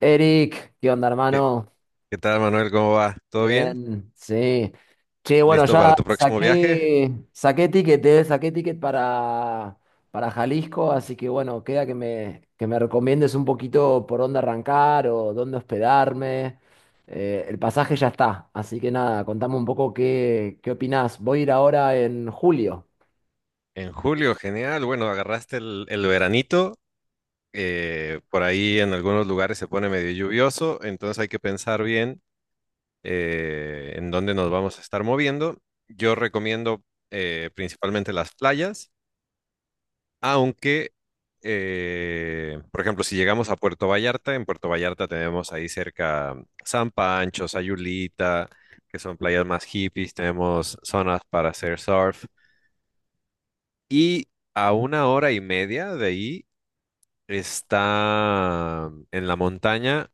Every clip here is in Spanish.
Eric, ¿qué onda, ¿Qué, hermano? qué tal, Manuel? ¿Cómo va? ¿Todo bien? Bien, sí. Che, bueno, ¿Listo para ya tu próximo viaje? saqué, saqué ticket, eh, saqué ticket para Jalisco, así que bueno, queda que me recomiendes un poquito por dónde arrancar o dónde hospedarme. El pasaje ya está, así que nada, contame un poco qué opinás. Voy a ir ahora en julio. En julio, genial. Bueno, agarraste el veranito. Por ahí en algunos lugares se pone medio lluvioso, entonces hay que pensar bien en dónde nos vamos a estar moviendo. Yo recomiendo principalmente las playas. Aunque, por ejemplo, si llegamos a Puerto Vallarta, en Puerto Vallarta tenemos ahí cerca San Pancho, Sayulita, que son playas más hippies, tenemos zonas para hacer surf. Y a una hora y media de ahí está en la montaña,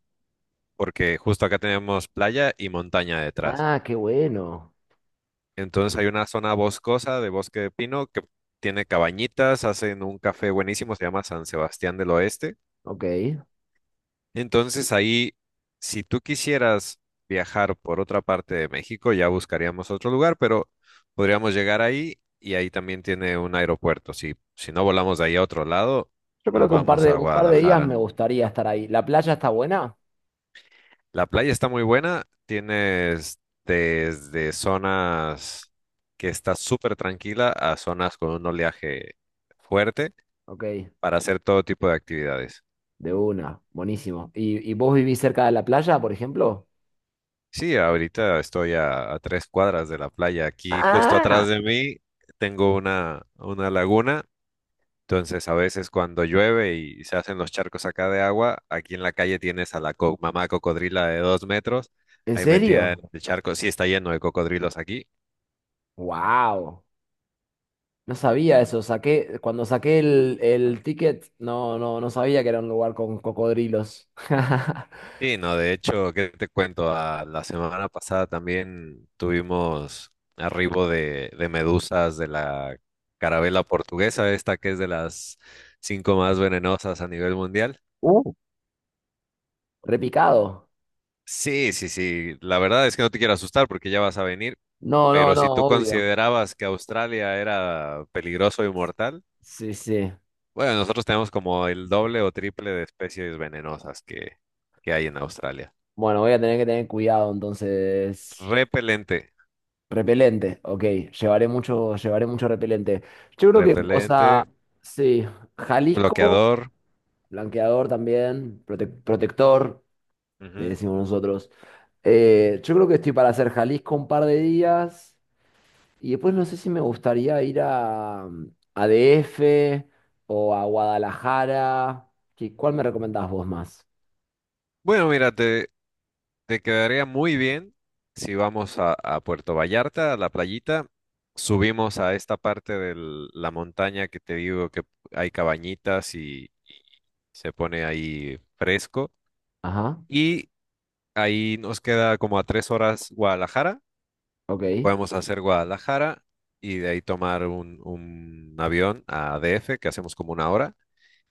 porque justo acá tenemos playa y montaña detrás. Ah, qué bueno. Entonces hay una zona boscosa de bosque de pino que tiene cabañitas, hacen un café buenísimo, se llama San Sebastián del Oeste. Ok. Entonces ahí, si tú quisieras viajar por otra parte de México, ya buscaríamos otro lugar, pero podríamos llegar ahí y ahí también tiene un aeropuerto. Si no volamos de ahí a otro lado, Yo creo nos que un par vamos de, a un par de días me Guadalajara. gustaría estar ahí. ¿La playa está buena? La playa está muy buena, tienes desde zonas que está súper tranquila a zonas con un oleaje fuerte Ok. para hacer todo tipo de actividades. De una, buenísimo. ¿Y vos vivís cerca de la playa, por ejemplo? Sí, ahorita estoy a 3 cuadras de la playa. Aquí justo Ah, atrás de mí tengo una laguna, entonces a veces cuando llueve y se hacen los charcos acá de agua, aquí en la calle tienes a la mamá cocodrila de 2 metros, ¿en ahí metida en serio? el charco. Sí, está lleno de cocodrilos aquí. Wow, no sabía eso. Cuando saqué el ticket, no sabía que era un lugar con cocodrilos. Sí, no, de hecho, ¿qué te cuento? La semana pasada también tuvimos arribo de medusas de la carabela portuguesa, esta que es de las cinco más venenosas a nivel mundial. Uh, repicado. Sí, sí, sí. La verdad es que no te quiero asustar porque ya vas a venir, No, no, pero no, si tú obvio. considerabas que Australia era peligroso y mortal, Sí, sí. bueno, nosotros tenemos como el doble o triple de especies venenosas que hay en Australia. Bueno, voy a tener que tener cuidado entonces. Repelente, Repelente, ok. Llevaré mucho repelente. Yo creo que, o sea, repelente, sí, Jalisco. bloqueador. Blanqueador también, protector, le Ujú. decimos nosotros. Yo creo que estoy para hacer Jalisco un par de días y después no sé si me gustaría ir a, a DF o a Guadalajara. ¿Cuál me recomendás vos más? Bueno, mírate, te quedaría muy bien si vamos a Puerto Vallarta, a la playita, subimos a esta parte de la montaña que te digo que hay cabañitas y se pone ahí fresco. Ajá, Y ahí nos queda como a 3 horas Guadalajara. ok. Podemos hacer Guadalajara y de ahí tomar un avión a DF, que hacemos como una hora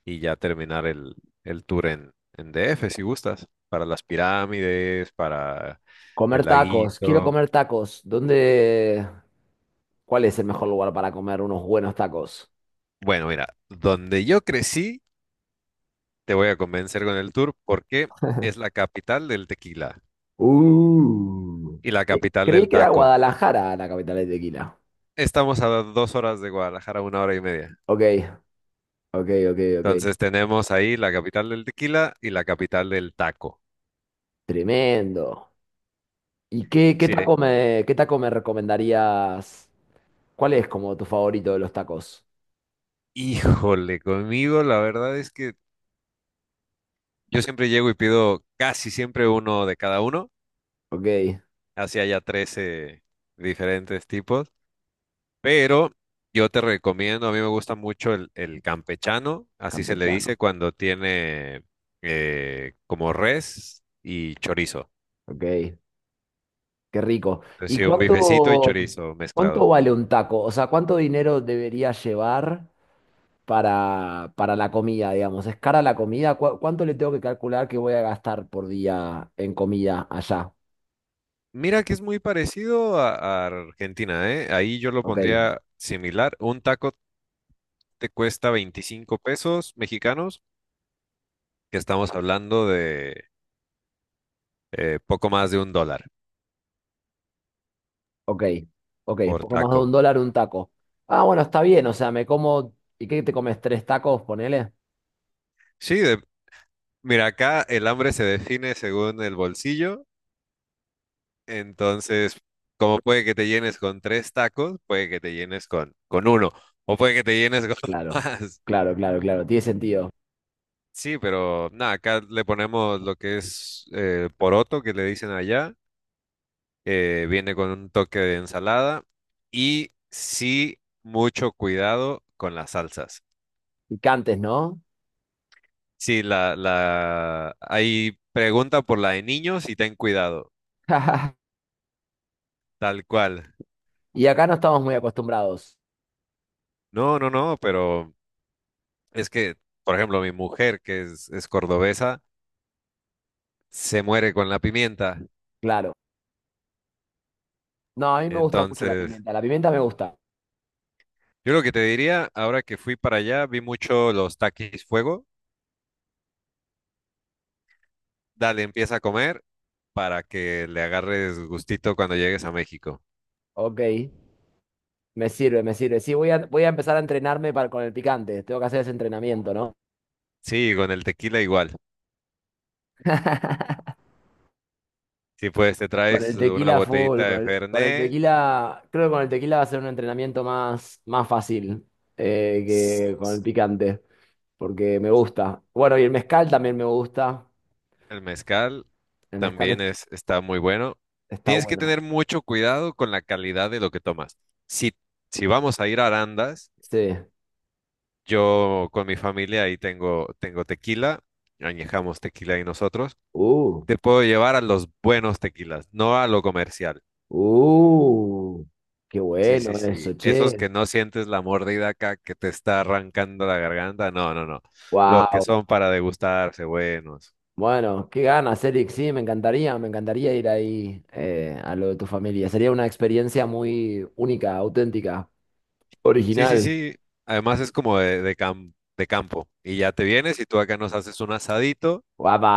y ya terminar el tour en DF, si gustas, para las pirámides, para Comer el tacos, quiero laguito. comer tacos. ¿Dónde? ¿Cuál es el mejor lugar para comer unos buenos tacos? Bueno, mira, donde yo crecí, te voy a convencer con el tour porque es la capital del tequila Uh. y la Eh, capital Creí del que era taco. Guadalajara la capital de tequila. Estamos a 2 horas de Guadalajara, una hora y media. Ok, ok. Entonces tenemos ahí la capital del tequila y la capital del taco. Tremendo. ¿Y qué, qué Sí, eh. taco me, qué taco me recomendarías? ¿Cuál es como tu favorito de los tacos? Híjole, conmigo la verdad es que yo siempre llego y pido casi siempre uno de cada uno. Ok, Hacía ya 13 diferentes tipos, pero yo te recomiendo, a mí me gusta mucho el campechano, así se le campechano. dice cuando tiene como res y chorizo. Ok, qué rico. Entonces, sí, un bifecito y chorizo Cuánto mezclado. vale un taco? O sea, ¿cuánto dinero debería llevar para la comida, digamos? ¿Es cara la comida? ¿Cuánto le tengo que calcular que voy a gastar por día en comida allá? Mira que es muy parecido a Argentina, ¿eh? Ahí yo lo Ok, pondría similar. Un taco te cuesta 25 pesos mexicanos, que estamos hablando de poco más de $1 ok, ok. por Poco más de un taco. dólar un taco. Ah, bueno, está bien. O sea, me como... ¿Y qué te comes? ¿Tres tacos, ponele? Sí, de- Mira, acá el hambre se define según el bolsillo, entonces como puede que te llenes con tres tacos, puede que te llenes con uno, o puede que te llenes con Claro, más. claro, claro, claro, tiene sentido. Sí, pero nada, acá le ponemos lo que es poroto, que le dicen allá, viene con un toque de ensalada y sí, mucho cuidado con las salsas. Picantes, ¿no? Sí, ahí pregunta por la de niños y ten cuidado, tal cual. Y acá no estamos muy acostumbrados, No, no, no, pero... Es que, por ejemplo, mi mujer, que es cordobesa, se muere con la pimienta. claro. No, a mí me gusta mucho la Entonces, pimienta, la pimienta me gusta. yo lo que te diría, ahora que fui para allá, vi mucho los taquis fuego. Dale, empieza a comer para que le agarres gustito cuando llegues a México. Ok, me sirve, me sirve. Sí, voy a empezar a entrenarme para, con el picante, tengo que hacer ese entrenamiento, ¿no? Sí, con el tequila igual. Si pues te Con traes el una tequila full, botellita con de el, con el Fernet, tequila, creo que con el tequila va a ser un entrenamiento más fácil eh, que con el picante, porque me gusta. Bueno, y el mezcal también me gusta, el mezcal el mezcal es- también está muy bueno. está Tienes que bueno. tener mucho cuidado con la calidad de lo que tomas. Si, si vamos a ir a Arandas, Sí. yo con mi familia ahí tengo, tengo tequila, añejamos tequila y nosotros. Uh. Te puedo llevar a los buenos tequilas, no a lo comercial. Uh, qué Sí, sí, bueno sí. eso, Esos che. que no sientes la mordida acá que te está arrancando la garganta. No, no, no. Los que Wow. son para degustarse, buenos. Bueno, qué ganas, Eric. Sí, me encantaría ir ahí a lo de tu familia. Sería una experiencia muy única, auténtica, Sí, sí, original. sí. Además es como de campo. Y ya te vienes y tú acá nos haces un asadito Guapa.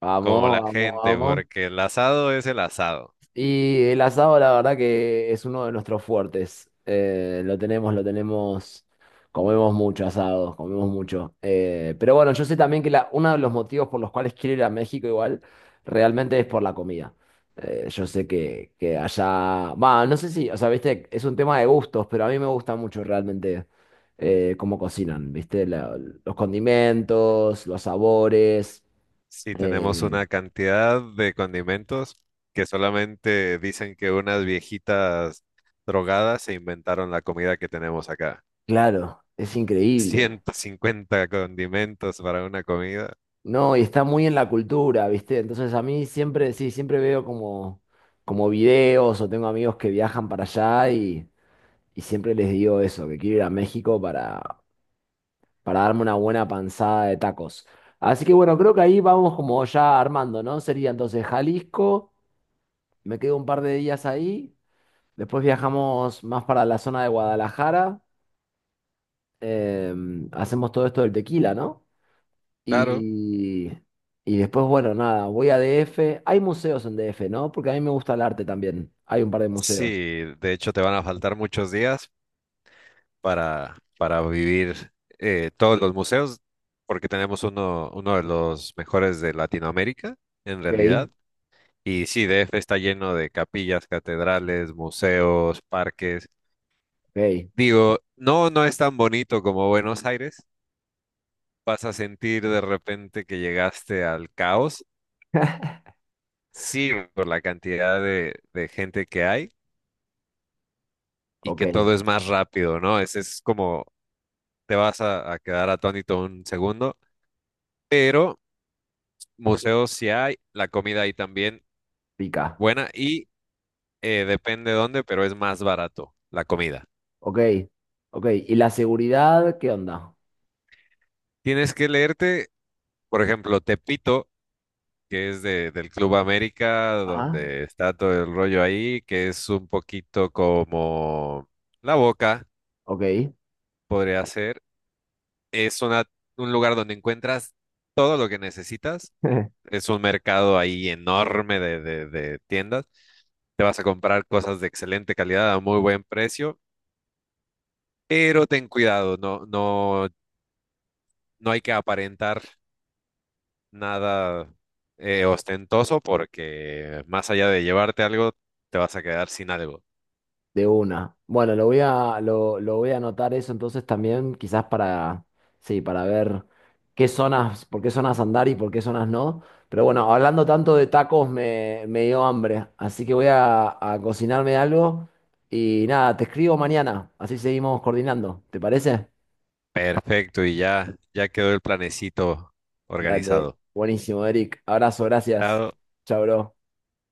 Vamos, como la vamos, gente, vamos. porque el asado es el asado. Y el asado, la verdad que es uno de nuestros fuertes. Lo tenemos, lo tenemos. Comemos mucho asado, comemos mucho. Pero bueno, yo sé también que la, uno de los motivos por los cuales quiero ir a México igual, realmente es por la comida. Yo sé que allá, va, no sé si, o sea, viste, es un tema de gustos, pero a mí me gusta mucho realmente cómo cocinan, viste, los condimentos, los sabores. Sí, tenemos Eh, una cantidad de condimentos que solamente dicen que unas viejitas drogadas se inventaron la comida que tenemos acá. claro, es increíble. 150 condimentos para una comida. No, y está muy en la cultura, ¿viste? Entonces a mí siempre, sí, siempre veo como como videos o tengo amigos que viajan para allá y siempre les digo eso, que quiero ir a México para darme una buena panzada de tacos. Así que bueno, creo que ahí vamos como ya armando, ¿no? Sería entonces Jalisco, me quedo un par de días ahí, después viajamos más para la zona de Guadalajara, hacemos todo esto del tequila, ¿no? Claro, Y, y después, bueno, nada, voy a DF. Hay museos en DF, ¿no? Porque a mí me gusta el arte también. Hay un par de museos. sí, de hecho te van a faltar muchos días para vivir todos los museos, porque tenemos uno, uno de los mejores de Latinoamérica, en Ok, realidad. Y sí, DF está lleno de capillas, catedrales, museos, parques. ok, Digo, no, no es tan bonito como Buenos Aires. Vas a sentir de repente que llegaste al caos. Sí, por la cantidad de gente que hay y ok, que todo es más rápido, ¿no? Es como te vas a quedar atónito un segundo, pero museos sí hay, la comida ahí también pica. buena y depende dónde, pero es más barato la comida. Ok, ok. ¿Y la seguridad qué onda? Tienes que leerte, por ejemplo, Tepito, que es de, del Club América, Ajá, donde está todo el rollo ahí, que es un poquito como La Boca, ok. podría ser. Es una, un lugar donde encuentras todo lo que necesitas. Es un mercado ahí enorme de tiendas. Te vas a comprar cosas de excelente calidad a muy buen precio, pero ten cuidado, no, no, no hay que aparentar nada ostentoso porque más allá de llevarte algo, te vas a quedar sin algo. De una. Bueno, lo voy a anotar eso entonces también, quizás para, sí, para ver qué zonas, por qué zonas andar y por qué zonas no. Pero bueno, hablando tanto de tacos, me dio hambre. Así que a cocinarme algo y nada, te escribo mañana. Así seguimos coordinando. ¿Te parece? Perfecto, y ya, ya quedó el planecito Dale. organizado. Buenísimo, Eric. Abrazo, gracias. Ya Chao, bro.